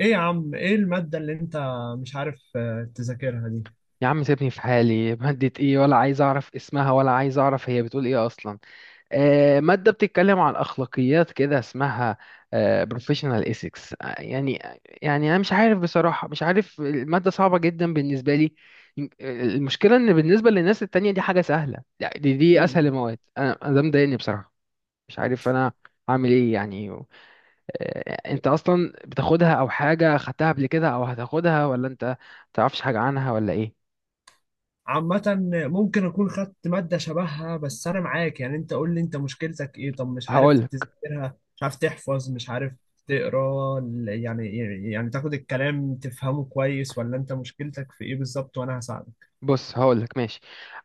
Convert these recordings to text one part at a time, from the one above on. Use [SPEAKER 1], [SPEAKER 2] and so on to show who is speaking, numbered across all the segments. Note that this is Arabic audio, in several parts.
[SPEAKER 1] ايه يا عم، ايه المادة اللي انت مش عارف تذاكرها دي؟
[SPEAKER 2] يا عم، سيبني في حالي. مادة ايه؟ ولا عايز اعرف اسمها، ولا عايز اعرف هي بتقول ايه اصلا. مادة بتتكلم عن اخلاقيات كده اسمها. Professional ethics، يعني انا مش عارف بصراحة، مش عارف. المادة صعبة جدا بالنسبة لي. المشكلة ان بالنسبة للناس التانية دي حاجة سهلة، يعني دي اسهل المواد. انا ده مضايقني بصراحة. مش عارف انا عامل ايه يعني. انت اصلا بتاخدها، او حاجة خدتها قبل كده، او هتاخدها، ولا انت متعرفش حاجة عنها ولا ايه؟
[SPEAKER 1] عامة ممكن اكون خدت مادة شبهها، بس انا معاك. يعني انت قول لي، انت مشكلتك ايه؟ طب مش عارف
[SPEAKER 2] هقول
[SPEAKER 1] تذاكرها، مش عارف تحفظ، مش عارف تقرا يعني، يعني تاخد الكلام تفهمه كويس، ولا انت مشكلتك في ايه بالظبط وانا هساعدك؟
[SPEAKER 2] بص، هقول لك. ماشي.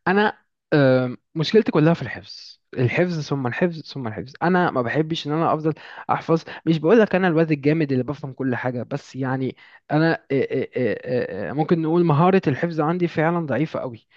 [SPEAKER 2] انا، مشكلتي كلها في الحفظ، الحفظ ثم الحفظ ثم الحفظ. انا ما بحبش ان انا افضل احفظ. مش بقول لك انا الواد الجامد اللي بفهم كل حاجه، بس يعني انا ممكن نقول مهاره الحفظ عندي فعلا ضعيفه قوي.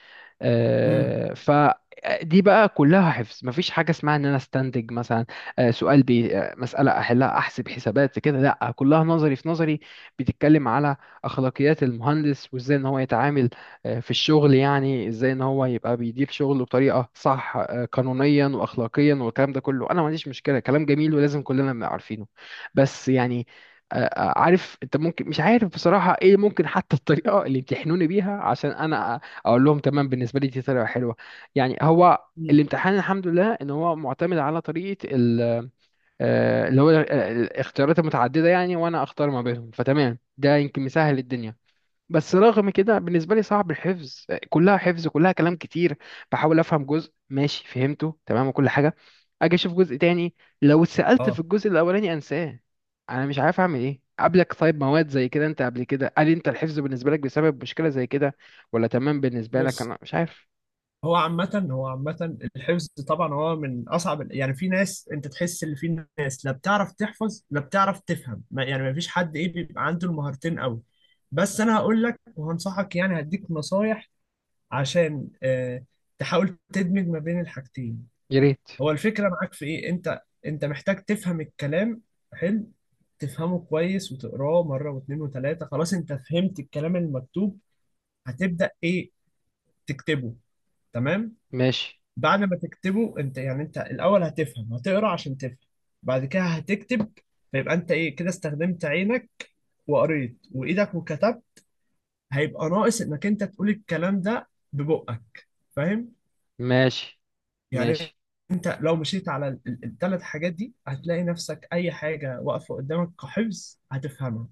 [SPEAKER 1] مم.
[SPEAKER 2] فدي بقى كلها حفظ، مفيش حاجة اسمها ان انا استنتج مثلا، سؤال بي آه، مسألة احلها، احسب حسابات كده. لا، كلها نظري في نظري. بتتكلم على اخلاقيات المهندس وازاي ان هو يتعامل في الشغل. يعني ازاي ان هو يبقى بيدير شغله بطريقة صح، قانونيا واخلاقيا، والكلام ده كله انا ما عنديش مشكلة، كلام جميل ولازم كلنا نبقى عارفينه. بس يعني عارف انت؟ ممكن مش عارف بصراحة ايه. ممكن حتى الطريقة اللي يمتحنوني بيها عشان انا اقول لهم تمام بالنسبه لي دي طريقه حلوه. يعني هو
[SPEAKER 1] مم.
[SPEAKER 2] الامتحان، الحمد لله، ان هو معتمد على طريقه ال- آه، اللي هو ال- آه، الاختيارات المتعدده، يعني وانا اختار ما بينهم. فتمام، ده يمكن مسهل الدنيا. بس رغم كده بالنسبة لي صعب، الحفظ كلها حفظ، كلها كلام كتير. بحاول أفهم جزء، ماشي فهمته تمام وكل حاجة. أجي أشوف جزء تاني، لو اتسألت في
[SPEAKER 1] اه،
[SPEAKER 2] الجزء الأولاني أنساه. أنا مش عارف أعمل إيه. قبلك طيب مواد زي كده، أنت قبل كده هل أنت الحفظ بالنسبة لك بسبب مشكلة زي كده، ولا تمام بالنسبة لك؟
[SPEAKER 1] بص،
[SPEAKER 2] أنا مش عارف.
[SPEAKER 1] هو عامة الحفظ طبعا هو من أصعب يعني، في ناس أنت تحس إن في ناس لا بتعرف تحفظ لا بتعرف تفهم، ما يعني ما فيش حد إيه بيبقى عنده المهارتين أوي. بس أنا هقول لك وهنصحك، يعني هديك نصايح عشان تحاول تدمج ما بين الحاجتين.
[SPEAKER 2] يا ريت.
[SPEAKER 1] هو الفكرة معاك في إيه؟ أنت محتاج تفهم الكلام، حلو، تفهمه كويس وتقراه مرة واتنين وتلاتة. خلاص، أنت فهمت الكلام المكتوب، هتبدأ إيه؟ تكتبه. تمام؟
[SPEAKER 2] ماشي.
[SPEAKER 1] بعد ما تكتبه انت، يعني انت الاول هتفهم، هتقرا عشان تفهم، بعد كده هتكتب. فيبقى انت ايه كده؟ استخدمت عينك وقريت، وايدك وكتبت. هيبقى ناقص انك انت تقول الكلام ده ببقك، فاهم
[SPEAKER 2] ماشي.
[SPEAKER 1] يعني؟
[SPEAKER 2] ماشي.
[SPEAKER 1] انت لو مشيت على الثلاث حاجات دي هتلاقي نفسك اي حاجه واقفه قدامك كحفظ هتفهمها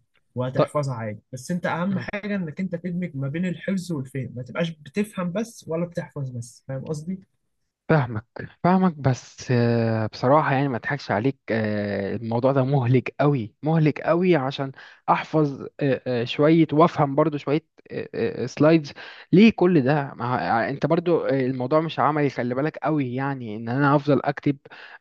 [SPEAKER 2] طيب.
[SPEAKER 1] وهتحفظها عادي. بس انت اهم حاجه انك انت تدمج ما بين الحفظ والفهم، ما تبقاش بتفهم بس ولا بتحفظ بس، فاهم قصدي؟
[SPEAKER 2] فاهمك، فاهمك. بس بصراحة يعني ما اضحكش عليك، الموضوع ده مهلك قوي، مهلك قوي، عشان احفظ شوية وافهم برضو شوية سلايدز. ليه كل ده؟ انت برضو الموضوع مش عملي، خلي بالك قوي. يعني ان انا افضل اكتب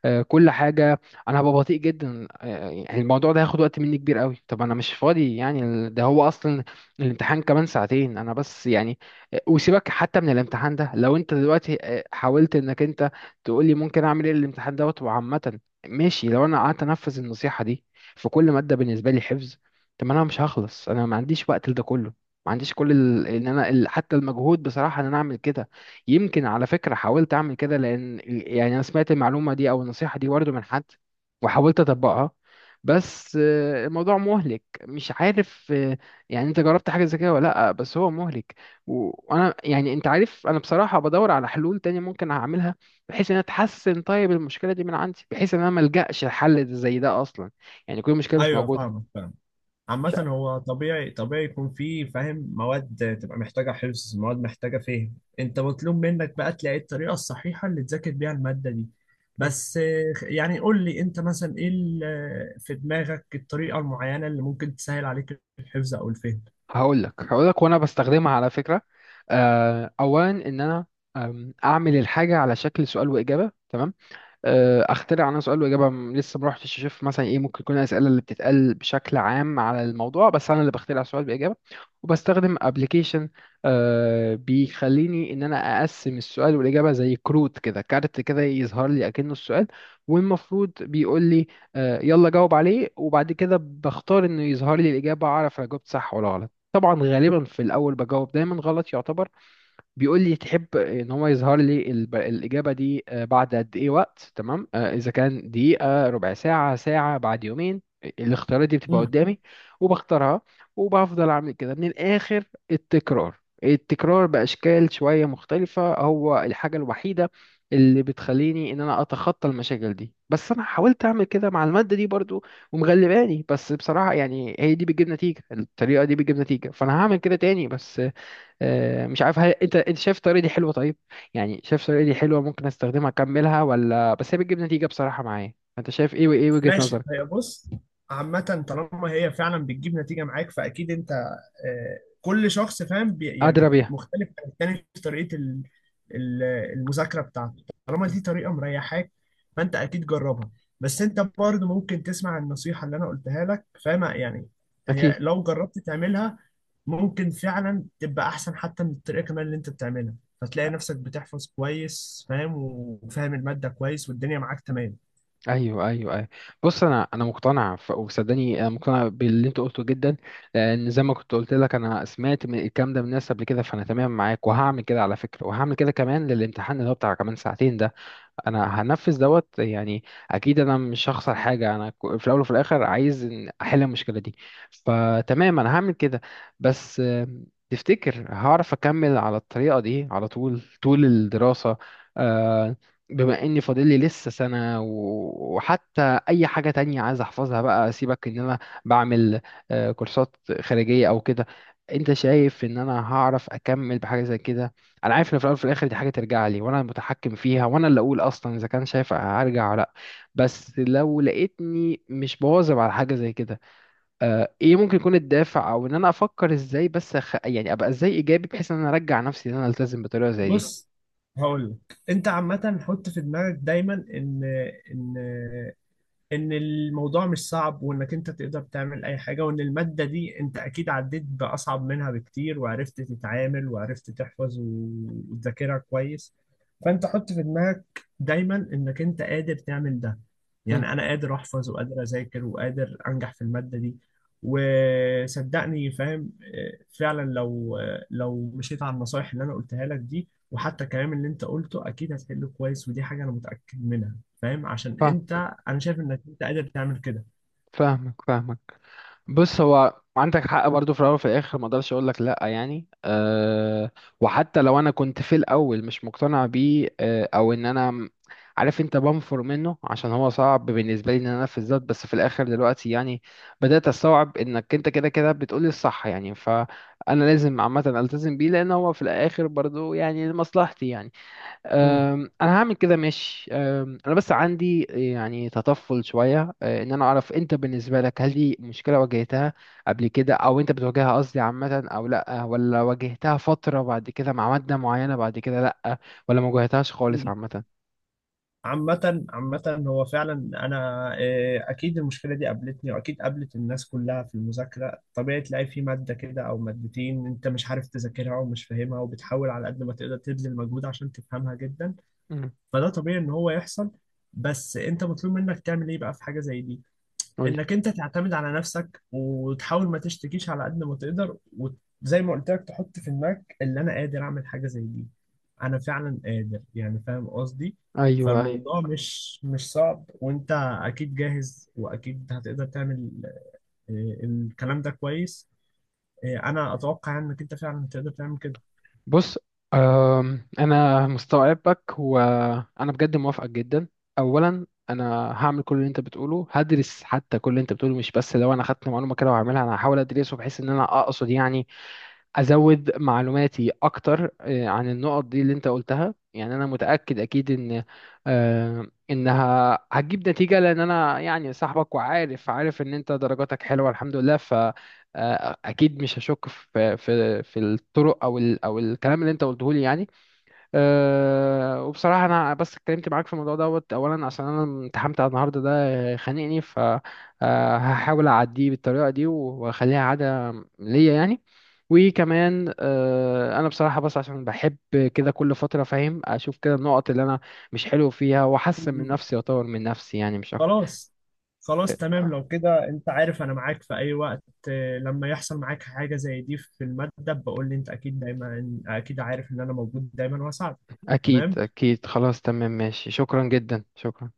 [SPEAKER 2] كل حاجة، انا هبقى بطيء جدا. يعني الموضوع ده هياخد وقت مني كبير قوي. طب انا مش فاضي، يعني ده هو اصلا الامتحان كمان ساعتين، انا بس يعني. وسيبك حتى من الامتحان ده، لو انت دلوقتي حاولت انك انت تقول لي ممكن اعمل ايه. الامتحان دوت وعامه ماشي، لو انا قعدت انفذ النصيحه دي في كل ماده بالنسبه لي حفظ، طب ما انا مش هخلص. انا ما عنديش وقت لده كله، ما عنديش كل ال، ان انا ال، حتى المجهود بصراحه ان انا اعمل كده. يمكن على فكره حاولت اعمل كده، لان يعني انا سمعت المعلومه دي او النصيحه دي برضه من حد، وحاولت اطبقها. بس الموضوع مهلك، مش عارف. يعني انت جربت حاجه زي كده ولا لا؟ بس هو مهلك. وانا يعني انت عارف، انا بصراحه بدور على حلول تانية ممكن اعملها بحيث ان أنا اتحسن. طيب المشكله دي من عندي، بحيث ان انا ما الجاش لحل زي ده اصلا، يعني كل مشكله مش
[SPEAKER 1] ايوه،
[SPEAKER 2] موجوده.
[SPEAKER 1] فاهمك فاهمك. عامة
[SPEAKER 2] مش
[SPEAKER 1] هو طبيعي، طبيعي يكون فيه، فاهم، مواد تبقى محتاجة حفظ، مواد محتاجة فهم. انت مطلوب منك بقى تلاقي الطريقة الصحيحة اللي تذاكر بيها المادة دي. بس يعني قول لي انت مثلا ايه في دماغك الطريقة المعينة اللي ممكن تسهل عليك الحفظ او الفهم؟
[SPEAKER 2] هقول لك، وانا بستخدمها على فكره. اولا ان انا، اعمل الحاجه على شكل سؤال واجابه، تمام؟ اخترع انا سؤال واجابه. لسه ما رحتش اشوف مثلا ايه ممكن يكون الاسئله اللي بتتقال بشكل عام على الموضوع، بس انا اللي بخترع سؤال باجابه، وبستخدم ابلكيشن بيخليني ان انا اقسم السؤال والاجابه زي كروت كده، كارت كده يظهر لي اكنه السؤال، والمفروض بيقول لي يلا جاوب عليه. وبعد كده بختار انه يظهر لي الاجابه، اعرف انا جاوبت صح ولا غلط. طبعا غالبا في الاول بجاوب دايما غلط، يعتبر. بيقول لي تحب ان هو يظهر لي الاجابه دي بعد قد ايه وقت؟ تمام، اذا كان دقيقه، ربع ساعه، ساعه، بعد يومين، الاختيارات دي بتبقى قدامي وبختارها. وبفضل اعمل كده. من الاخر، التكرار، التكرار باشكال شويه مختلفه، هو الحاجه الوحيده اللي بتخليني ان انا اتخطى المشاكل دي. بس انا حاولت اعمل كده مع الماده دي برضو ومغلباني. بس بصراحه يعني هي دي بتجيب نتيجه، الطريقه دي بتجيب نتيجه، فانا هعمل كده تاني. بس مش عارف، هل انت شايف الطريقه دي حلوه؟ طيب يعني شايف الطريقه دي حلوه ممكن استخدمها اكملها، ولا بس هي بتجيب نتيجه بصراحه معايا؟ انت شايف ايه، وايه وجهه
[SPEAKER 1] ماشي،
[SPEAKER 2] نظرك؟
[SPEAKER 1] هي بص، عامة طالما هي فعلا بتجيب نتيجة معاك فأكيد أنت كل شخص فاهم
[SPEAKER 2] ادرى
[SPEAKER 1] يعني
[SPEAKER 2] بيها.
[SPEAKER 1] مختلف عن التاني في طريقة ال- المذاكرة بتاعته. طالما
[SPEAKER 2] مم.
[SPEAKER 1] دي طريقة مريحاك فأنت أكيد جربها. بس أنت برضه ممكن تسمع النصيحة اللي أنا قلتها لك، فاهم يعني؟ هي
[SPEAKER 2] اكيد.
[SPEAKER 1] لو جربت تعملها ممكن فعلا تبقى أحسن حتى من الطريقة كمان اللي أنت بتعملها، فتلاقي نفسك بتحفظ كويس فاهم، وفاهم المادة كويس، والدنيا معاك تمام.
[SPEAKER 2] ايوه، ايوه، ايوه. بص، انا مقتنع. وصدقني انا مقتنع باللي انت قلته جدا، لان زي ما كنت قلت لك انا سمعت من الكلام ده من ناس قبل كده. فانا تمام معاك، وهعمل كده على فكره، وهعمل كده كمان للامتحان اللي هو بتاع كمان ساعتين ده. انا هنفذ دوت، يعني اكيد انا مش هخسر حاجه. انا في الاول وفي الاخر عايز إن احل المشكله دي، فتمام انا هعمل كده. بس تفتكر هعرف اكمل على الطريقه دي على طول طول الدراسه؟ آه، بما اني فاضل لي لسه سنه، وحتى اي حاجه تانية عايز احفظها بقى، سيبك ان انا بعمل كورسات خارجيه او كده، انت شايف ان انا هعرف اكمل بحاجه زي كده؟ انا عارف ان في الاول وفي الاخر دي حاجه ترجع لي، وانا المتحكم فيها، وانا اللي اقول اصلا اذا كان شايف هرجع ولا لا. بس لو لقيتني مش بواظب على حاجه زي كده، آه ايه ممكن يكون الدافع، او ان انا افكر ازاي، بس يعني ابقى ازاي ايجابي بحيث ان انا ارجع نفسي ان انا التزم بطريقه زي دي؟
[SPEAKER 1] بص هقول لك انت، عامه حط في دماغك دايما ان ان الموضوع مش صعب، وانك انت تقدر تعمل اي حاجة، وان المادة دي انت اكيد عديت باصعب منها بكتير وعرفت تتعامل وعرفت تحفظ وتذاكرها كويس. فانت حط في دماغك دايما انك انت قادر تعمل ده،
[SPEAKER 2] مم.
[SPEAKER 1] يعني انا قادر احفظ وقادر اذاكر وقادر انجح في المادة دي. وصدقني فاهم، فعلا لو لو مشيت على النصايح اللي انا قلتها لك دي وحتى الكلام اللي انت قلته، اكيد هتحله كويس، ودي حاجة انا متأكد منها، فاهم؟ عشان
[SPEAKER 2] فاهمك،
[SPEAKER 1] انت، انا شايف انك انت قادر تعمل كده.
[SPEAKER 2] فاهمك، فاهمك. بص، هو عندك حق برضو. في الاول وفي الاخر ما اقدرش اقول لك لا، يعني أه. وحتى لو انا كنت في الاول مش مقتنع بيه، او ان انا عارف انت، بنفر منه عشان هو صعب بالنسبه لي ان انا انفذ ده. بس في الاخر دلوقتي يعني بدات استوعب انك انت كده كده بتقولي الصح، يعني فانا لازم عامه التزم بيه، لان هو في الاخر برضو يعني لمصلحتي يعني.
[SPEAKER 1] مم.
[SPEAKER 2] انا هعمل كده، ماشي. انا بس عندي يعني تطفل شويه. ان انا اعرف انت بالنسبه لك هل دي مشكله واجهتها قبل كده، او انت بتواجهها قصدي عامه؟ او لا، ولا واجهتها فتره بعد كده مع ماده معينه بعد كده لا؟ ولا ما واجهتهاش خالص
[SPEAKER 1] مم.
[SPEAKER 2] عامه؟
[SPEAKER 1] عامة هو فعلا أنا، أكيد المشكلة دي قابلتني وأكيد قابلت الناس كلها في المذاكرة. طبيعي تلاقي في مادة كده أو مادتين أنت مش عارف تذاكرها ومش فاهمها، وبتحاول على قد ما تقدر تبذل مجهود عشان تفهمها جدا.
[SPEAKER 2] مم.
[SPEAKER 1] فده طبيعي إن هو يحصل. بس أنت مطلوب منك تعمل إيه بقى في حاجة زي دي؟
[SPEAKER 2] قولي.
[SPEAKER 1] انك انت تعتمد على نفسك وتحاول ما تشتكيش على قد ما تقدر، وزي ما قلت لك تحط في دماغك اللي انا قادر اعمل حاجه زي دي، انا فعلا قادر، يعني فاهم قصدي؟
[SPEAKER 2] ايوه، ايوه.
[SPEAKER 1] فالموضوع مش صعب، وانت اكيد جاهز واكيد هتقدر تعمل. الكلام ده كويس. انا اتوقع يعني انك انت فعلا هتقدر تعمل
[SPEAKER 2] بص، انا مستوعبك وانا بجد موافقك جدا. اولا انا هعمل كل اللي انت بتقوله، هدرس حتى كل اللي انت بتقوله، مش بس لو انا خدت معلومه كده وهعملها. انا هحاول ادرسه بحيث ان انا اقصد يعني ازود معلوماتي اكتر عن النقط دي اللي انت قلتها. يعني انا متاكد اكيد ان انها هتجيب نتيجه، لان انا يعني صاحبك، وعارف ان انت درجاتك حلوه الحمد لله. ف اكيد مش هشك في الطرق، او الكلام اللي انت قلته لي، يعني أه. وبصراحة أنا بس اتكلمت معاك في الموضوع دوت أولا عشان أنا امتحنت على النهاردة ده، خانقني. فهحاول أعديه بالطريقة دي، وأخليها عادة ليا يعني. وكمان أنا بصراحة بس عشان بحب كده كل فترة، فاهم، أشوف كده النقط اللي أنا مش حلو فيها، وأحسن من
[SPEAKER 1] كده.
[SPEAKER 2] نفسي، وأطور من نفسي، يعني مش أكتر.
[SPEAKER 1] خلاص، خلاص تمام.
[SPEAKER 2] أه،
[SPEAKER 1] لو كده انت عارف انا معاك في اي وقت. لما يحصل معاك حاجة زي دي في المادة بقول لي انت، اكيد دايما، اكيد عارف ان انا موجود دايما واساعدك.
[SPEAKER 2] أكيد،
[SPEAKER 1] تمام.
[SPEAKER 2] أكيد. خلاص تمام، ماشي، شكرا جدا، شكرا.